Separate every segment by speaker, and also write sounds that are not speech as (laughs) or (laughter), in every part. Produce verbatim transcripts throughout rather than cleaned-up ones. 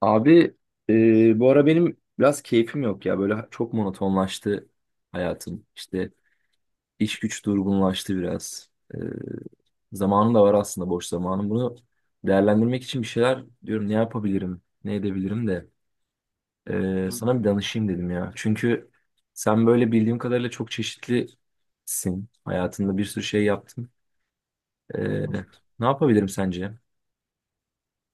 Speaker 1: Abi e, bu ara benim biraz keyfim yok ya. Böyle çok monotonlaştı hayatım. İşte iş güç durgunlaştı biraz. E, Zamanım da var aslında boş zamanım. Bunu değerlendirmek için bir şeyler diyorum ne yapabilirim, ne edebilirim de e,
Speaker 2: Hı
Speaker 1: sana bir danışayım dedim ya. Çünkü sen böyle bildiğim kadarıyla çok çeşitlisin. Hayatında bir sürü şey yaptın. E,
Speaker 2: hı hı.
Speaker 1: Ne yapabilirim sence?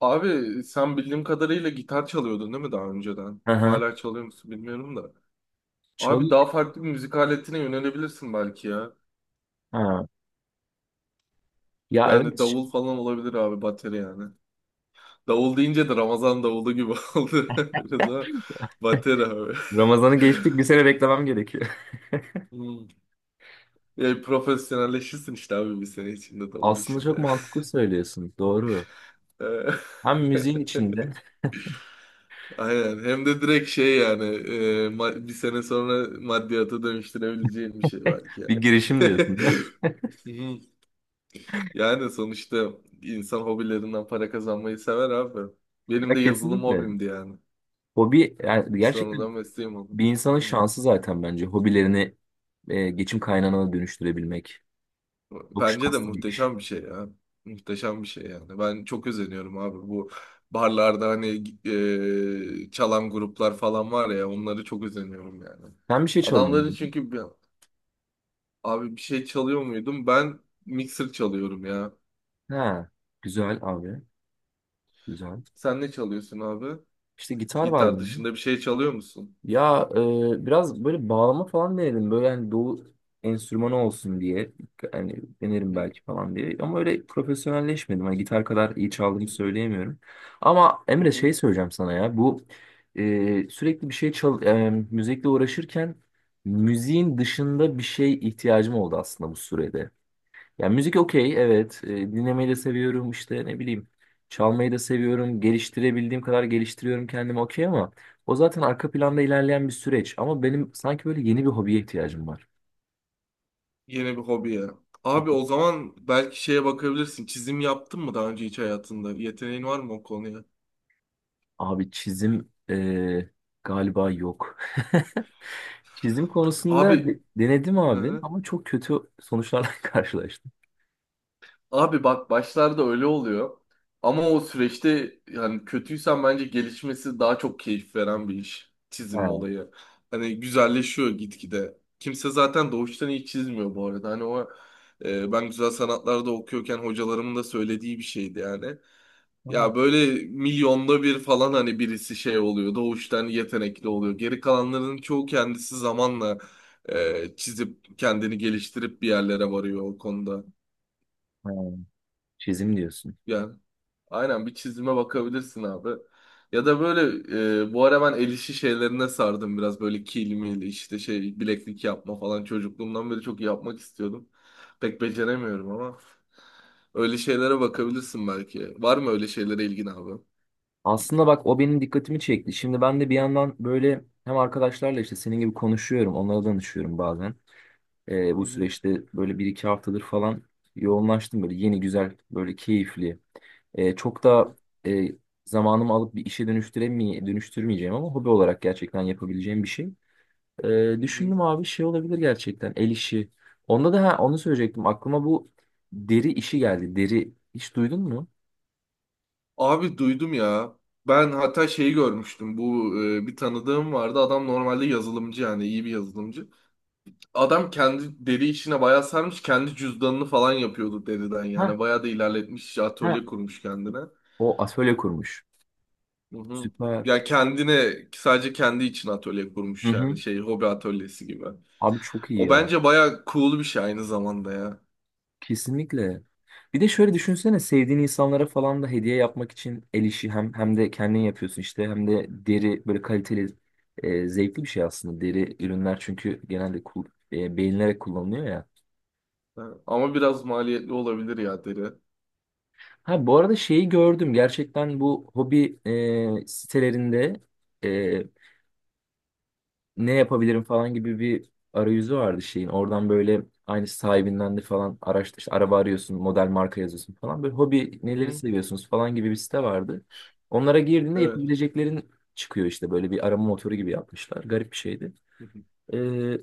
Speaker 2: Abi sen bildiğim kadarıyla gitar çalıyordun değil mi daha önceden?
Speaker 1: Hı hı.
Speaker 2: Hala çalıyor musun bilmiyorum da. Abi
Speaker 1: Çalı-
Speaker 2: daha farklı bir müzik aletine yönelebilirsin belki ya.
Speaker 1: Ha. Ya
Speaker 2: Yani
Speaker 1: evet,
Speaker 2: davul falan olabilir abi bateri yani. Davul deyince de Ramazan davulu gibi (laughs) oldu. Biraz ama bateri abi. (laughs)
Speaker 1: Ramazan'ı geçtik bir sene beklemem gerekiyor.
Speaker 2: Hmm. Yani profesyonelleşirsin işte abi bir sene içinde davul
Speaker 1: Aslında çok
Speaker 2: işinde.
Speaker 1: mantıklı söylüyorsun. Doğru.
Speaker 2: (laughs)
Speaker 1: Hem
Speaker 2: E,
Speaker 1: müziğin
Speaker 2: (laughs)
Speaker 1: içinde
Speaker 2: Aynen. Hem de direkt şey yani e, ma- bir sene sonra maddiyata dönüştürebileceğin bir şey belki
Speaker 1: (laughs) bir
Speaker 2: yani.
Speaker 1: girişim diyorsun. (laughs)
Speaker 2: (laughs) Hı. Yani sonuçta insan hobilerinden para kazanmayı sever abi. Benim
Speaker 1: Ya
Speaker 2: de yazılım
Speaker 1: kesinlikle.
Speaker 2: hobimdi yani.
Speaker 1: Hobi yani gerçekten
Speaker 2: Sonradan mesleğim oldu.
Speaker 1: bir insanın
Speaker 2: Hı.
Speaker 1: şansı zaten bence. Hobilerini e, geçim kaynağına dönüştürebilmek. Çok
Speaker 2: Bence de
Speaker 1: şanslı bir iş.
Speaker 2: muhteşem bir şey ya. Muhteşem bir şey yani. Ben çok özeniyorum abi bu barlarda hani e, çalan gruplar falan var ya onları çok özeniyorum yani.
Speaker 1: Sen bir şey çalıyor
Speaker 2: Adamların
Speaker 1: muydun?
Speaker 2: çünkü abi bir şey çalıyor muydum? Ben mixer çalıyorum ya.
Speaker 1: Ha, güzel abi. Güzel.
Speaker 2: Sen ne çalıyorsun abi?
Speaker 1: İşte gitar var
Speaker 2: Gitar
Speaker 1: benim.
Speaker 2: dışında bir şey çalıyor musun?
Speaker 1: Ya e, biraz böyle bağlama falan denedim. Böyle hani doğu enstrümanı olsun diye. Hani denerim
Speaker 2: Hı
Speaker 1: belki falan diye. Ama öyle profesyonelleşmedim. Hani gitar kadar iyi çaldığımı
Speaker 2: hı.
Speaker 1: söyleyemiyorum. Ama
Speaker 2: Hı
Speaker 1: Emre
Speaker 2: hı.
Speaker 1: şey söyleyeceğim sana ya. Bu e, sürekli bir şey çal e, müzikle uğraşırken müziğin dışında bir şey ihtiyacım oldu aslında bu sürede. Ya müzik okey, evet. E, dinlemeyi de seviyorum işte ne bileyim. Çalmayı da seviyorum. Geliştirebildiğim kadar geliştiriyorum kendimi, okey, ama o zaten arka planda ilerleyen bir süreç. Ama benim sanki böyle yeni bir hobiye ihtiyacım var.
Speaker 2: Yeni bir hobi ya. Abi o zaman belki şeye bakabilirsin. Çizim yaptın mı daha önce hiç hayatında? Yeteneğin var mı o konuya?
Speaker 1: Abi çizim e, galiba yok. (laughs) Çizim konusunda
Speaker 2: Abi
Speaker 1: de- denedim
Speaker 2: hı
Speaker 1: abi
Speaker 2: hı.
Speaker 1: ama çok kötü sonuçlarla (laughs) karşılaştım.
Speaker 2: Abi bak başlarda öyle oluyor. Ama o süreçte yani kötüysen bence gelişmesi daha çok keyif veren bir iş. Çizim
Speaker 1: Ha,
Speaker 2: olayı. Hani güzelleşiyor gitgide. Kimse zaten doğuştan iyi çizmiyor bu arada. Hani o e, ben güzel sanatlarda okuyorken hocalarımın da söylediği bir şeydi yani.
Speaker 1: tamam.
Speaker 2: Ya böyle milyonda bir falan hani birisi şey oluyor. Doğuştan yetenekli oluyor. Geri kalanların çoğu kendisi zamanla e, çizip kendini geliştirip bir yerlere varıyor o konuda.
Speaker 1: Ha, çizim diyorsun.
Speaker 2: Yani aynen bir çizime bakabilirsin abi. Ya da böyle e, bu ara ben el işi şeylerine sardım biraz böyle kil mil işte şey bileklik yapma falan çocukluğumdan beri çok yapmak istiyordum. Pek beceremiyorum ama öyle şeylere bakabilirsin belki. Var mı öyle şeylere ilgin abi?
Speaker 1: Aslında bak o benim dikkatimi çekti. Şimdi ben de bir yandan böyle hem arkadaşlarla işte senin gibi konuşuyorum, onlara danışıyorum bazen. Ee,
Speaker 2: Hı
Speaker 1: bu
Speaker 2: hı,
Speaker 1: süreçte böyle bir iki haftadır falan yoğunlaştım böyle yeni güzel böyle keyifli. Ee, çok
Speaker 2: hı
Speaker 1: da
Speaker 2: hı,
Speaker 1: e, zamanımı alıp bir işe dönüştüremeye dönüştürmeyeceğim ama hobi olarak gerçekten yapabileceğim bir şey. Ee,
Speaker 2: hı hı.
Speaker 1: düşündüm abi şey olabilir gerçekten el işi. Onda da ha, onu söyleyecektim, aklıma bu deri işi geldi. Deri hiç duydun mu?
Speaker 2: Abi duydum ya. Ben hatta şeyi görmüştüm. Bu e, bir tanıdığım vardı. Adam normalde yazılımcı yani iyi bir yazılımcı. Adam kendi deri işine bayağı sarmış. Kendi cüzdanını falan yapıyordu deriden
Speaker 1: Ha,
Speaker 2: yani. Bayağı da ilerletmiş.
Speaker 1: ha.
Speaker 2: Atölye kurmuş kendine.
Speaker 1: O atölye kurmuş.
Speaker 2: Hı hı.
Speaker 1: Süper.
Speaker 2: Ya kendine sadece kendi için atölye
Speaker 1: Hı
Speaker 2: kurmuş
Speaker 1: hı.
Speaker 2: yani. Şey hobi atölyesi gibi.
Speaker 1: Abi çok iyi
Speaker 2: O
Speaker 1: ya.
Speaker 2: bence bayağı cool bir şey aynı zamanda ya.
Speaker 1: Kesinlikle. Bir de şöyle düşünsene sevdiğin insanlara falan da hediye yapmak için el işi hem hem de kendin yapıyorsun işte hem de deri böyle kaliteli e, zevkli bir şey aslında deri ürünler çünkü genelde kul, e, beğenilerek kullanılıyor ya.
Speaker 2: Ha, ama biraz maliyetli olabilir ya deri.
Speaker 1: Ha bu arada şeyi gördüm gerçekten bu hobi e, sitelerinde e, ne yapabilirim falan gibi bir arayüzü vardı şeyin. Oradan böyle aynı sahibinden de falan araştır. İşte araba arıyorsun, model marka yazıyorsun falan. Böyle hobi
Speaker 2: Hı
Speaker 1: neleri
Speaker 2: hı.
Speaker 1: seviyorsunuz falan gibi bir site vardı. Onlara girdiğinde
Speaker 2: Evet.
Speaker 1: yapabileceklerin çıkıyor işte böyle bir arama motoru gibi yapmışlar. Garip bir şeydi.
Speaker 2: Hı hı.
Speaker 1: Ee,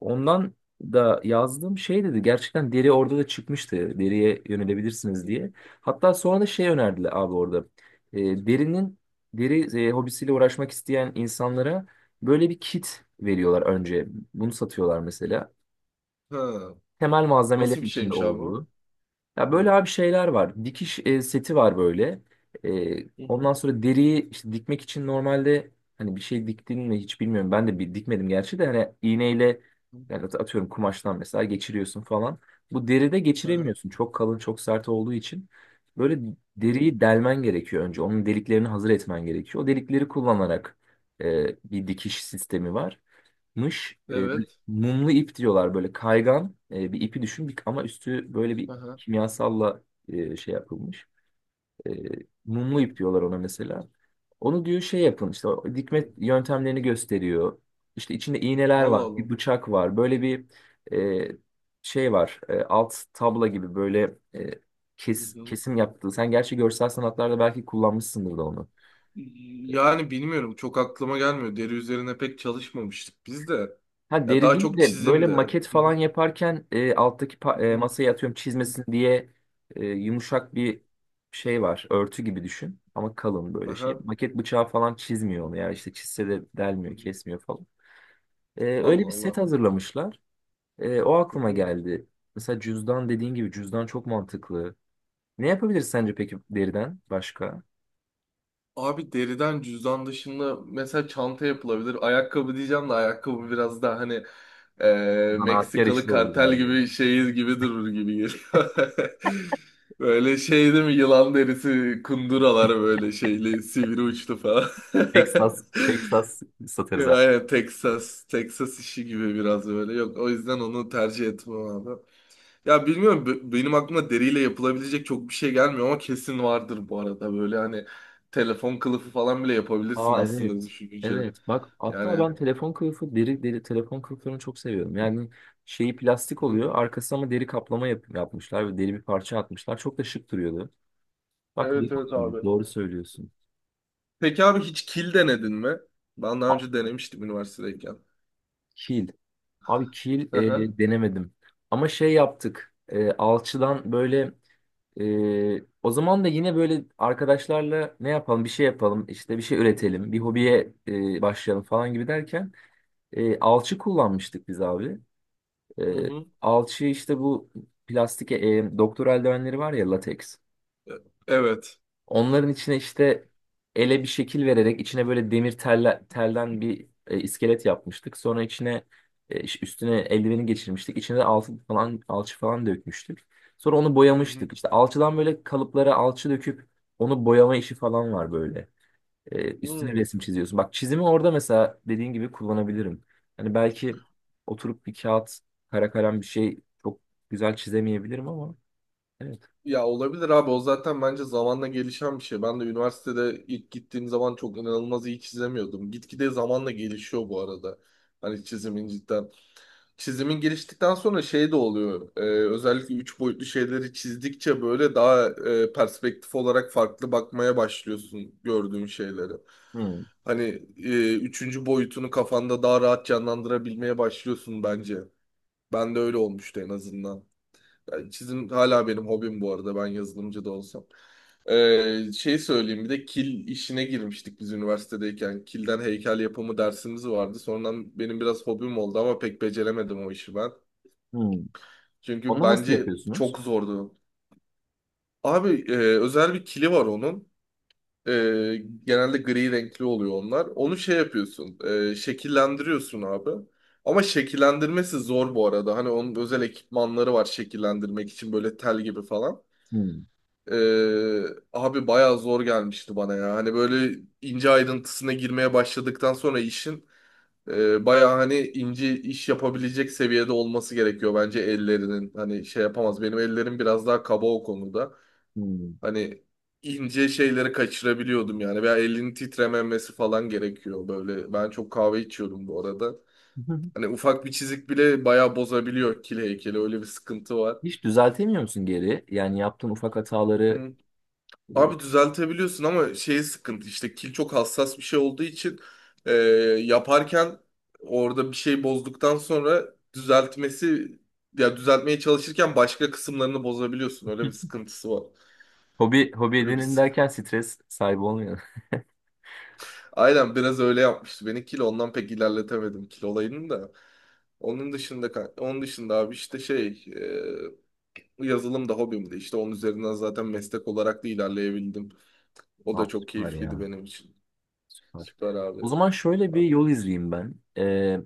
Speaker 1: Ondan da yazdım şey dedi gerçekten deri orada da çıkmıştı, deriye yönelebilirsiniz diye. Hatta sonra da şey önerdiler abi orada. E, derinin deri e, hobisiyle uğraşmak isteyen insanlara böyle bir kit veriyorlar önce. Bunu satıyorlar mesela.
Speaker 2: Ha.
Speaker 1: Temel
Speaker 2: Nasıl bir
Speaker 1: malzemelerin içinde
Speaker 2: şeymiş abi o?
Speaker 1: olduğu. Ya böyle
Speaker 2: Hı
Speaker 1: abi şeyler var. Dikiş e, seti var böyle. E,
Speaker 2: hı.
Speaker 1: ondan sonra deriyi işte dikmek için normalde hani bir şey diktin mi hiç bilmiyorum. Ben de bir dikmedim gerçi de hani iğneyle
Speaker 2: Hı.
Speaker 1: yani at- atıyorum kumaştan mesela geçiriyorsun falan. Bu deride
Speaker 2: Aha.
Speaker 1: geçiremiyorsun. Çok kalın, çok sert olduğu için. Böyle
Speaker 2: Hı.
Speaker 1: deriyi delmen gerekiyor önce. Onun deliklerini hazır etmen gerekiyor. O delikleri kullanarak e, bir dikiş sistemi var mış e, bir
Speaker 2: Evet.
Speaker 1: mumlu ip diyorlar, böyle kaygan e, bir ipi düşün bir- ama üstü böyle bir
Speaker 2: Aha.
Speaker 1: kimyasalla e, şey yapılmış. E, mumlu ip diyorlar ona mesela. Onu diyor şey yapın işte, o
Speaker 2: Hı
Speaker 1: dikme
Speaker 2: hı.
Speaker 1: yöntemlerini gösteriyor. İşte içinde iğneler
Speaker 2: Allah
Speaker 1: var,
Speaker 2: Allah.
Speaker 1: bir bıçak var. Böyle bir e, şey var. E, alt tabla gibi böyle e,
Speaker 2: Hı
Speaker 1: kes,
Speaker 2: hı.
Speaker 1: kesim yaptığı. Sen gerçi görsel sanatlarda belki kullanmışsındır da onu.
Speaker 2: Yani bilmiyorum çok aklıma gelmiyor. Deri üzerine pek çalışmamıştık biz de.
Speaker 1: Ha
Speaker 2: Ya
Speaker 1: deri
Speaker 2: daha
Speaker 1: değil
Speaker 2: çok
Speaker 1: de böyle
Speaker 2: çizimdi.
Speaker 1: maket
Speaker 2: Hı hı,
Speaker 1: falan yaparken e, alttaki
Speaker 2: hı
Speaker 1: pa- e,
Speaker 2: hı,
Speaker 1: masaya atıyorum
Speaker 2: hı.
Speaker 1: çizmesin diye e, yumuşak bir şey var. Örtü gibi düşün ama kalın böyle şey.
Speaker 2: Aha,
Speaker 1: Maket bıçağı falan çizmiyor onu ya, işte çizse de
Speaker 2: hı
Speaker 1: delmiyor,
Speaker 2: hı.
Speaker 1: kesmiyor falan. E, öyle
Speaker 2: Allah
Speaker 1: bir set
Speaker 2: Allah.
Speaker 1: hazırlamışlar. E, o
Speaker 2: Hı
Speaker 1: aklıma
Speaker 2: hı.
Speaker 1: geldi. Mesela cüzdan dediğin gibi, cüzdan çok mantıklı. Ne yapabiliriz sence peki deriden başka?
Speaker 2: Abi deriden cüzdan dışında mesela çanta yapılabilir. Ayakkabı diyeceğim de ayakkabı biraz daha hani eee,
Speaker 1: Zanaatkar
Speaker 2: Meksikalı
Speaker 1: işi olur
Speaker 2: kartel
Speaker 1: galiba.
Speaker 2: gibi şey gibi durur gibi geliyor. (laughs) Böyle şey değil mi? Yılan derisi kunduralar böyle şeyli sivri uçlu falan. (laughs)
Speaker 1: Texas, Texas satarız.
Speaker 2: Ya, aynen Texas, Texas işi gibi biraz böyle. Yok o yüzden onu tercih etmem abi. Ya bilmiyorum b- benim aklıma deriyle yapılabilecek çok bir şey gelmiyor ama kesin vardır bu arada. Böyle hani telefon kılıfı falan bile yapabilirsin
Speaker 1: Aa
Speaker 2: aslında
Speaker 1: evet.
Speaker 2: düşününce.
Speaker 1: Evet bak, hatta
Speaker 2: Yani
Speaker 1: ben telefon kılıfı deri deri telefon kılıflarını çok seviyorum. Yani şeyi plastik
Speaker 2: hı,
Speaker 1: oluyor arkası ama deri kaplama yap- yapmışlar ve deri bir parça atmışlar. Çok da şık duruyordu. Bak, deri
Speaker 2: evet evet
Speaker 1: kaplama,
Speaker 2: abi.
Speaker 1: doğru söylüyorsun.
Speaker 2: Peki abi hiç kil denedin mi? Ben daha
Speaker 1: A-
Speaker 2: önce denemiştim üniversitedeyken.
Speaker 1: kil. Abi kil
Speaker 2: Hı hı.
Speaker 1: e, denemedim. Ama şey yaptık. E, alçıdan böyle e, o zaman da yine böyle arkadaşlarla ne yapalım bir şey yapalım işte bir şey üretelim bir hobiye e, başlayalım falan gibi derken e, alçı kullanmıştık biz abi. E,
Speaker 2: Hı hı.
Speaker 1: alçı işte bu plastik e, doktor eldivenleri var ya, lateks.
Speaker 2: E- Evet.
Speaker 1: Onların içine işte ele bir şekil vererek içine böyle demir telle, telden bir e, iskelet yapmıştık. Sonra içine e, iş- üstüne eldiveni geçirmiştik. İçine de alçı falan alçı falan dökmüştük. Sonra onu
Speaker 2: Hı hı.
Speaker 1: boyamıştık. İşte alçıdan böyle kalıplara alçı döküp onu boyama işi falan var böyle. E, üstüne
Speaker 2: Hı.
Speaker 1: resim çiziyorsun. Bak, çizimi orada mesela dediğin gibi kullanabilirim. Hani belki oturup bir kağıt, kara kalem bir şey çok güzel çizemeyebilirim ama evet.
Speaker 2: Ya olabilir abi o zaten bence zamanla gelişen bir şey. Ben de üniversitede ilk gittiğim zaman çok inanılmaz iyi çizemiyordum. Gitgide zamanla gelişiyor bu arada. Hani çizimin cidden. Çizimin geliştikten sonra şey de oluyor. Ee, özellikle üç boyutlu şeyleri çizdikçe böyle daha e, perspektif olarak farklı bakmaya başlıyorsun gördüğün şeyleri.
Speaker 1: Hmm,
Speaker 2: Hani e, üçüncü boyutunu kafanda daha rahat canlandırabilmeye başlıyorsun bence. Ben de öyle olmuştu en azından. Yani çizim hala benim hobim bu arada ben yazılımcı da olsam. Ee, şey söyleyeyim bir de kil işine girmiştik biz üniversitedeyken. Kilden heykel yapımı dersimiz vardı. Sonradan benim biraz hobim oldu ama pek beceremedim o işi ben.
Speaker 1: hmm.
Speaker 2: Çünkü
Speaker 1: Onu nasıl
Speaker 2: bence
Speaker 1: yapıyorsunuz?
Speaker 2: çok zordu. Abi e, özel bir kili var onun. E, Genelde gri renkli oluyor onlar. Onu şey yapıyorsun. E, şekillendiriyorsun abi. Ama şekillendirmesi zor bu arada. Hani onun özel ekipmanları var şekillendirmek için böyle tel gibi falan.
Speaker 1: Hmm,
Speaker 2: Ee, Abi bayağı zor gelmişti bana ya. Hani böyle ince ayrıntısına girmeye başladıktan sonra işin e, bayağı hani ince iş yapabilecek seviyede olması gerekiyor bence ellerinin. Hani şey yapamaz. Benim ellerim biraz daha kaba o konuda.
Speaker 1: hmm.
Speaker 2: Hani ince şeyleri kaçırabiliyordum yani. Veya elinin titrememesi falan gerekiyor böyle. Ben çok kahve içiyorum bu arada.
Speaker 1: (laughs)
Speaker 2: Hani ufak bir çizik bile bayağı bozabiliyor kil heykeli. Öyle bir sıkıntı var.
Speaker 1: Hiç düzeltemiyor musun geri? Yani yaptığın ufak hataları e,
Speaker 2: Abi düzeltebiliyorsun ama şey sıkıntı işte kil çok hassas bir şey olduğu için e, yaparken orada bir şey bozduktan sonra düzeltmesi ya düzeltmeye çalışırken başka kısımlarını bozabiliyorsun. Öyle bir sıkıntısı var.
Speaker 1: hobi hobi
Speaker 2: Öyle bir
Speaker 1: edinin
Speaker 2: sık-
Speaker 1: derken stres sahibi olmuyor. (laughs)
Speaker 2: Aynen biraz öyle yapmıştı beni kil ondan pek ilerletemedim kil olayını da. Onun dışında ka- onun dışında abi işte şey e, yazılım da hobimdi. İşte onun üzerinden zaten meslek olarak da ilerleyebildim. O da
Speaker 1: Ah,
Speaker 2: çok
Speaker 1: süper
Speaker 2: keyifliydi
Speaker 1: ya.
Speaker 2: benim için.
Speaker 1: Süper.
Speaker 2: Süper abi.
Speaker 1: O zaman şöyle bir yol izleyeyim ben. Ee,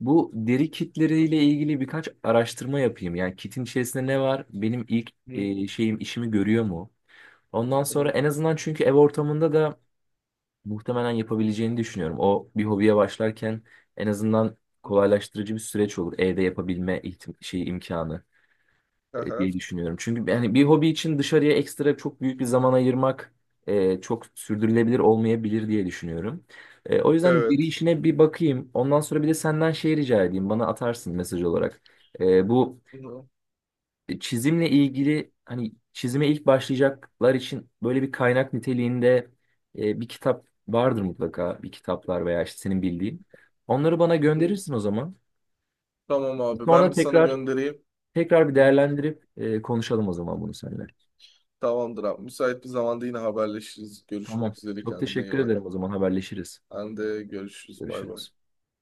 Speaker 1: bu deri kitleriyle ilgili birkaç araştırma yapayım. Yani kitin içerisinde ne var? Benim ilk
Speaker 2: Hı.
Speaker 1: e, şeyim işimi görüyor mu? Ondan
Speaker 2: Hı
Speaker 1: sonra
Speaker 2: hı.
Speaker 1: en azından, çünkü ev ortamında da muhtemelen yapabileceğini düşünüyorum. O bir hobiye başlarken en azından kolaylaştırıcı bir süreç olur. Evde yapabilme ihtim- şey imkanı e,
Speaker 2: Aha,
Speaker 1: diye düşünüyorum. Çünkü yani bir hobi için dışarıya ekstra çok büyük bir zaman ayırmak e, çok sürdürülebilir olmayabilir diye düşünüyorum. E, o yüzden diri
Speaker 2: evet.
Speaker 1: işine bir bakayım. Ondan sonra bir de senden şey rica edeyim. Bana atarsın mesaj olarak. E, bu
Speaker 2: Hı hı.
Speaker 1: çizimle ilgili hani çizime ilk başlayacaklar için böyle bir kaynak niteliğinde e, bir kitap vardır mutlaka. Bir kitaplar veya işte senin bildiğin. Onları bana
Speaker 2: Hı hı.
Speaker 1: gönderirsin o zaman.
Speaker 2: Tamam abi
Speaker 1: Sonra
Speaker 2: ben bir sana
Speaker 1: tekrar
Speaker 2: göndereyim.
Speaker 1: tekrar bir
Speaker 2: Hı hı.
Speaker 1: değerlendirip e, konuşalım o zaman bunu seninle.
Speaker 2: Tamamdır abi. Müsait bir zamanda yine haberleşiriz. Görüşmek
Speaker 1: Tamam.
Speaker 2: üzere
Speaker 1: Çok
Speaker 2: kendine iyi
Speaker 1: teşekkür
Speaker 2: bak.
Speaker 1: ederim, o zaman haberleşiriz.
Speaker 2: Ben de görüşürüz. Bay bay.
Speaker 1: Görüşürüz.